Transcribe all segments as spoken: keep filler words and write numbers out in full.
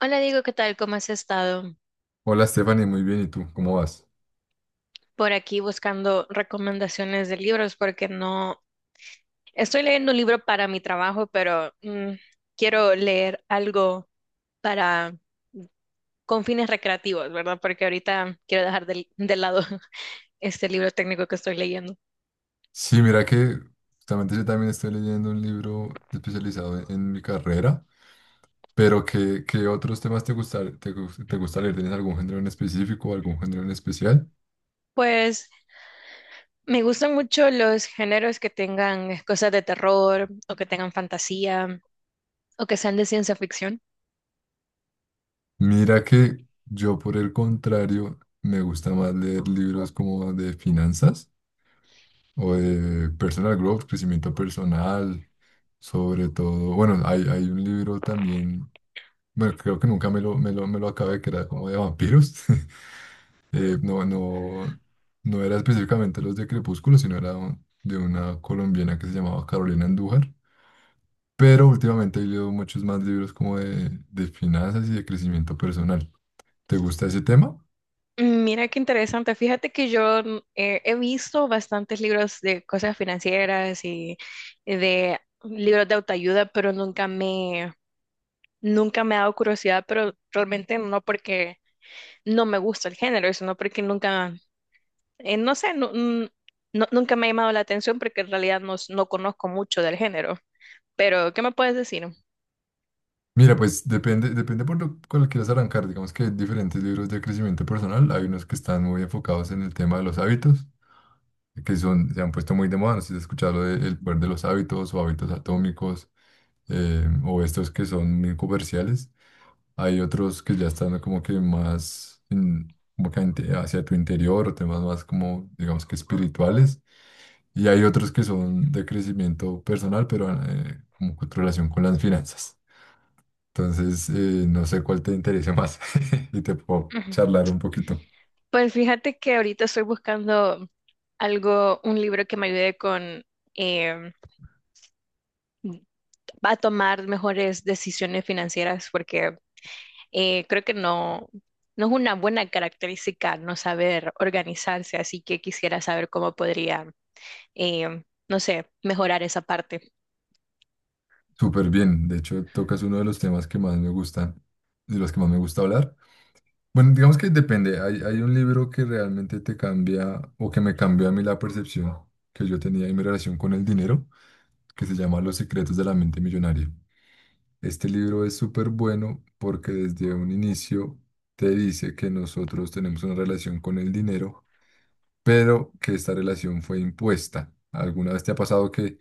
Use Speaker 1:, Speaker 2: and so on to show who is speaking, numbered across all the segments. Speaker 1: Hola Diego, ¿qué tal? ¿Cómo has estado?
Speaker 2: Hola Stephanie, muy bien, ¿y tú? ¿Cómo vas?
Speaker 1: Por aquí buscando recomendaciones de libros porque no estoy leyendo un libro para mi trabajo, pero mm, quiero leer algo para con fines recreativos, ¿verdad? Porque ahorita quiero dejar del- de, lado este libro técnico que estoy leyendo.
Speaker 2: Sí, mira que justamente yo también estoy leyendo un libro especializado en, en mi carrera, pero ¿qué, qué otros temas te gusta, te, gus- te gusta leer? ¿Tienes algún género en específico o algún género en especial?
Speaker 1: Pues me gustan mucho los géneros que tengan cosas de terror o que tengan fantasía o que sean de ciencia ficción.
Speaker 2: Mira que yo, por el contrario, me gusta más leer libros como de finanzas o de personal growth, crecimiento personal, sobre todo. Bueno, hay, hay un libro también, bueno, creo que nunca me lo, me lo, me lo acabé, que era como de vampiros. Eh, no, no, no era específicamente los de Crepúsculo, sino era un- de una colombiana que se llamaba Carolina Andújar. Pero últimamente he leído muchos más libros como de, de finanzas y de crecimiento personal. ¿Te gusta ese tema?
Speaker 1: Mira qué interesante. Fíjate que yo mm, eh, he visto bastantes libros de cosas financieras y y de libros de autoayuda, pero nunca me, nunca me ha dado curiosidad, pero realmente no porque no me gusta el género, sino porque nunca, eh, no sé, nu- mm, no- nunca me ha llamado la atención porque en realidad no, s- no conozco mucho del género. Pero, ¿qué me puedes decir?
Speaker 2: Mira, pues depende, depende por lo cual quieras arrancar. Digamos que hay diferentes libros de crecimiento personal. Hay unos que están muy enfocados en el tema de los hábitos, que son, se han puesto muy de moda. No sé si has escuchado lo de El poder de los hábitos o hábitos atómicos, eh, o estos que son muy comerciales. Hay otros que ya están como que más en- como que inte- hacia tu interior, o temas más como, digamos que espirituales. Y hay otros que son de crecimiento personal, pero eh, como con relación con las finanzas. Entonces, eh, no sé cuál te interesa más y te puedo
Speaker 1: Ujú.
Speaker 2: charlar un poquito.
Speaker 1: Pues fíjate que ahorita estoy buscando algo, un libro que me ayude con... em, va a tomar mejores decisiones financieras porque eh, creo que no, no es una buena característica no saber organizarse, así que quisiera saber cómo podría, eh, no sé, mejorar esa parte.
Speaker 2: Súper bien. De hecho, tocas uno de los temas que más me gustan, de los que más me gusta hablar. Bueno, digamos que depende. Hay, hay un libro que realmente te cambia o que me cambió a mí la percepción que yo tenía y mi relación con el dinero, que se llama Los secretos de la mente millonaria. Este libro es súper bueno porque desde un inicio te dice que nosotros tenemos una relación con el dinero, pero que esta relación fue impuesta. ¿Alguna vez te ha pasado que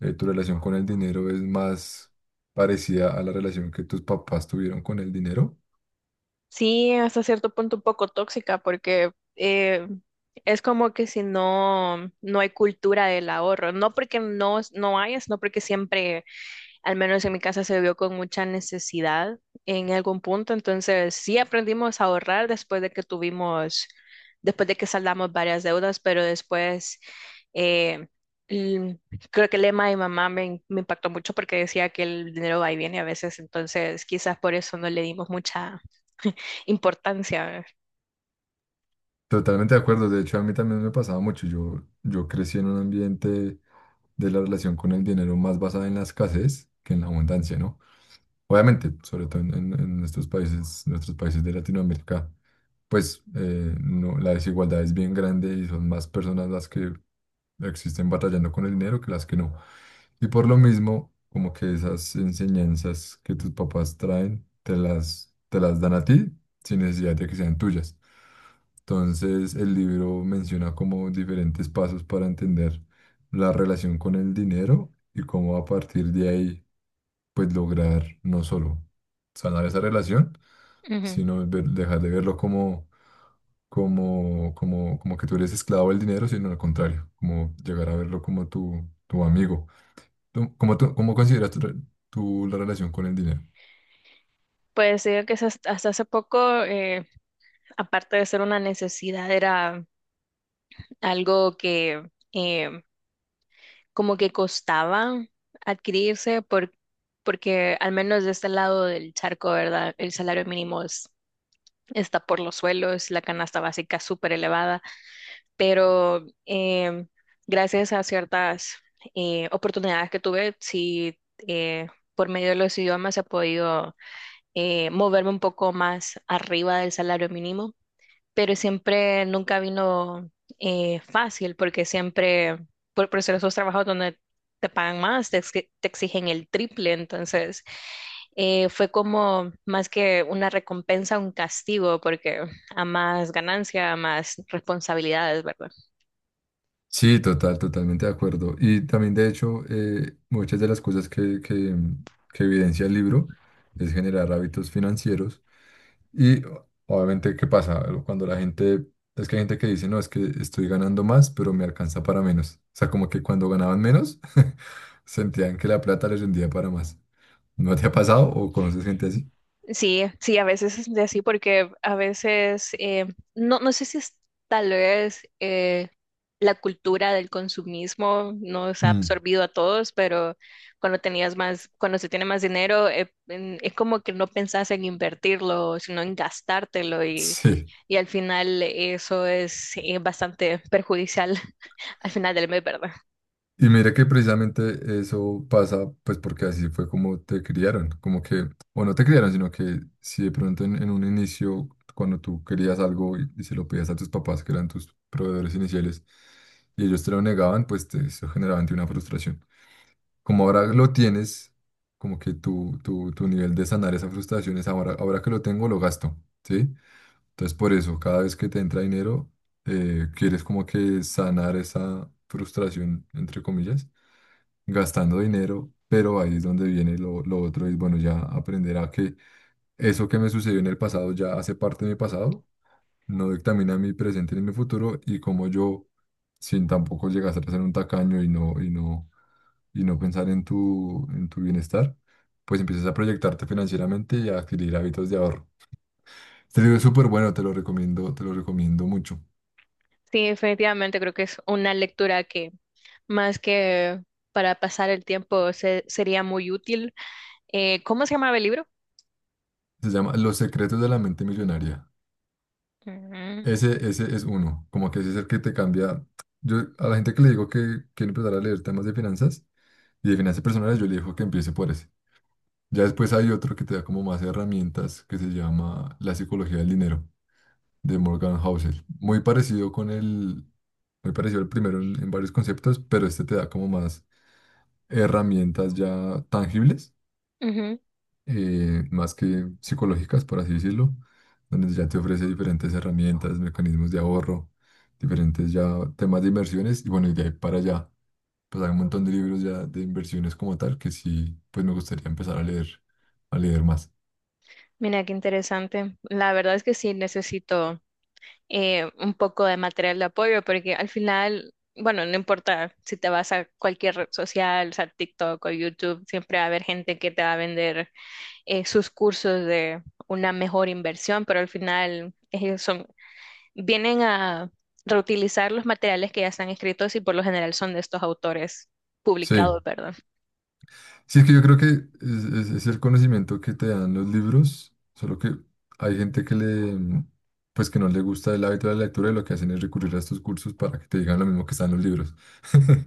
Speaker 2: eh, tu relación con el dinero es más parecida a la relación que tus papás tuvieron con el dinero?
Speaker 1: Sí, hasta cierto punto un poco tóxica porque eh, es como que si no, no hay cultura del ahorro, no porque no, no hay, sino porque siempre al menos en mi casa se vio con mucha necesidad en algún punto, entonces sí aprendimos a ahorrar después de que tuvimos, después de que saldamos varias deudas, pero después eh, l- creo que el lema de mi mamá me, me impactó mucho porque decía que el dinero va y viene a veces, entonces quizás por eso no le dimos mucha importancia.
Speaker 2: Totalmente de acuerdo. De hecho, a mí también me pasaba mucho. Yo, yo crecí en un ambiente de la relación con el dinero más basada en la escasez que en la abundancia, ¿no? Obviamente, sobre todo en, en- en estos países, nuestros países de Latinoamérica, pues eh, no, la desigualdad es bien grande y son más personas las que existen batallando con el dinero que las que no. Y por lo mismo, como que esas enseñanzas que tus papás traen, te las, te las dan a ti sin necesidad de que sean tuyas. Entonces, el libro menciona como diferentes pasos para entender la relación con el dinero y cómo a partir de ahí, pues lograr no solo sanar esa relación,
Speaker 1: Ujú.
Speaker 2: sino ver- dejar de verlo como, como, como, como que tú eres esclavo del dinero, sino al contrario, como llegar a verlo como tu, tu amigo. ¿Tú- ¿Cómo, tú- cómo consideras tu re- tú la relación con el dinero?
Speaker 1: Pues digo que es hasta hasta hace poco, eh, aparte de ser una necesidad, era algo que em, como que costaba adquirirse por, porque al menos de este lado del charco, ¿verdad? El salario mínimo es- Está por los suelos, la canasta básica súper elevada, pero em, gracias a ciertas eh, oportunidades que tuve, sí, eh, por medio de los idiomas he podido eh, moverme un poco más arriba del salario mínimo, pero siempre nunca vino eh, fácil porque siempre, por, por hacer esos trabajos donde te pagan más, te, exi- te exigen el triple, entonces eh, fue como más que una recompensa, un castigo, porque a más ganancia, a más responsabilidades, ¿verdad?
Speaker 2: Sí, total, totalmente de acuerdo. Y también, de hecho, eh, muchas de las cosas que, que, que evidencia el libro es generar hábitos financieros. Y o- obviamente, ¿qué pasa? Cuando la gente, es que hay gente que dice, no, es que estoy ganando más, pero me alcanza para menos. O sea, como que cuando ganaban menos, sentían que la plata les rendía para más. ¿No te ha pasado o conoces gente así?
Speaker 1: Sí, sí, a veces es de así porque a veces, eh, no, no sé si es tal vez eh, la cultura del consumismo nos ha
Speaker 2: Mm,
Speaker 1: absorbido a todos, pero cuando tenías más, cuando se tiene más dinero, eh, en- es como que no pensás en invertirlo, sino en gastártelo, y,
Speaker 2: sí.
Speaker 1: y al final eso es eh, bastante perjudicial al final del mes, ¿verdad?
Speaker 2: Y mira que precisamente eso pasa, pues porque así fue como te criaron, como que, o no te criaron, sino que si de pronto en, en un inicio, cuando tú querías algo y, y se lo pedías a tus papás, que eran tus proveedores iniciales, y ellos te lo negaban, pues te, eso generaba en ti una frustración. Como ahora lo tienes, como que tu, tu, tu nivel de sanar esa frustración es ahora, ahora que lo tengo, lo gasto, ¿sí? Entonces por eso, cada vez que te entra dinero, eh, quieres como que sanar esa frustración, entre comillas, gastando dinero, pero ahí es donde viene lo, lo otro, es bueno, ya aprender a que eso que me sucedió en el pasado ya hace parte de mi pasado, no dictamina mi presente ni mi futuro, y como yo, sin tampoco llegar a ser un tacaño y no, y no, y no pensar en tu, en tu bienestar, pues empiezas a proyectarte financieramente y a adquirir hábitos de ahorro. Este libro es súper bueno, te lo recomiendo, te lo recomiendo mucho.
Speaker 1: Sí, definitivamente creo que es una lectura que más que para pasar el tiempo se- sería muy útil. Eh, ¿cómo se llamaba el libro?
Speaker 2: Se llama Los secretos de la mente millonaria.
Speaker 1: Mm,
Speaker 2: Ese, ese es uno, como que ese es el que te cambia. Yo a la gente que le digo que quiere empezar a leer temas de finanzas y de finanzas personales, yo le digo que empiece por ese. Ya después hay otro que te da como más herramientas que se llama La psicología del dinero de Morgan Housel. Muy parecido con el, muy parecido al primero en, en varios conceptos, pero este te da como más herramientas ya tangibles,
Speaker 1: ujú.
Speaker 2: eh, más que psicológicas, por así decirlo, donde ya te ofrece diferentes herramientas, mecanismos de ahorro, diferentes ya temas de inversiones y bueno, y de ahí para allá, pues hay un montón de libros ya de inversiones como tal que sí, pues me gustaría empezar a leer, a leer más.
Speaker 1: Mira, qué interesante. La verdad es que sí necesito eh, un poco de material de apoyo porque al final, bueno, no importa si te vas a cualquier red social, o sea, TikTok o YouTube, siempre va a haber gente que te va a vender eh, sus cursos de una mejor inversión, pero al final ellos son vienen a reutilizar los materiales que ya están escritos y por lo general son de estos autores
Speaker 2: Sí,
Speaker 1: publicados, ¿verdad?
Speaker 2: sí, es que yo creo que es, es- es el conocimiento que te dan los libros, solo que hay gente que le... mm, pues que no le gusta el hábito de la lectura y lo que hacen es recurrir a estos cursos para que te digan lo mismo que están los libros.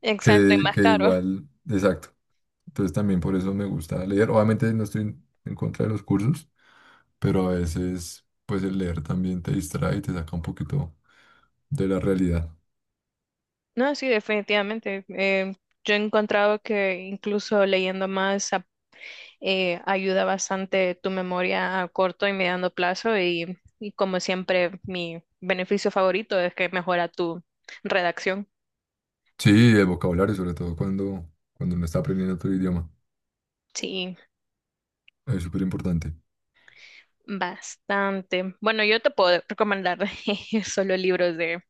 Speaker 1: Exacto, y
Speaker 2: que,
Speaker 1: más
Speaker 2: que
Speaker 1: caro.
Speaker 2: igual, exacto. Entonces también por eso me gusta leer. Obviamente no estoy en, en contra de los cursos, pero a veces pues el leer también te distrae y te saca un poquito de la realidad.
Speaker 1: No, sí, definitivamente. Eh, yo he encontrado que incluso leyendo más ap- eh, ayuda bastante tu memoria a corto y mediano plazo, y, y como siempre mi beneficio favorito es que mejora tu redacción.
Speaker 2: Sí, el vocabulario, sobre todo cuando, cuando uno está aprendiendo otro idioma,
Speaker 1: Sí,
Speaker 2: es súper importante.
Speaker 1: bastante. Bueno, yo te puedo recomendar solo libros de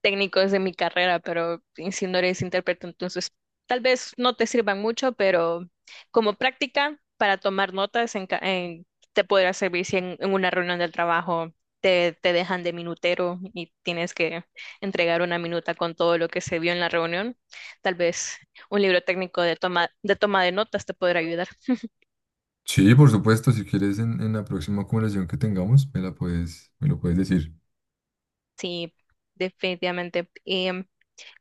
Speaker 1: técnicos de mi carrera, pero si no eres intérprete, entonces tal vez no te sirvan mucho, pero como práctica para tomar notas en, ca- en- te podrá servir si en, en una reunión del trabajo te, te dejan de minutero y tienes que entregar una minuta con todo lo que se vio en la reunión. Tal vez un libro técnico de toma de, toma de notas te podrá ayudar.
Speaker 2: Sí, por supuesto, si quieres en, en la próxima conversación que tengamos, me la puedes, me lo puedes decir.
Speaker 1: Sí, definitivamente.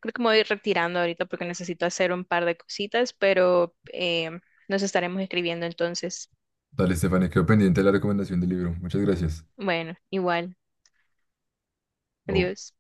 Speaker 1: Creo que me voy a ir retirando ahorita porque necesito hacer un par de cositas, pero eh, nos estaremos escribiendo entonces.
Speaker 2: Dale, Estefania, quedo pendiente de la recomendación del libro. Muchas gracias.
Speaker 1: Bueno, igual.
Speaker 2: Chao.
Speaker 1: Adiós.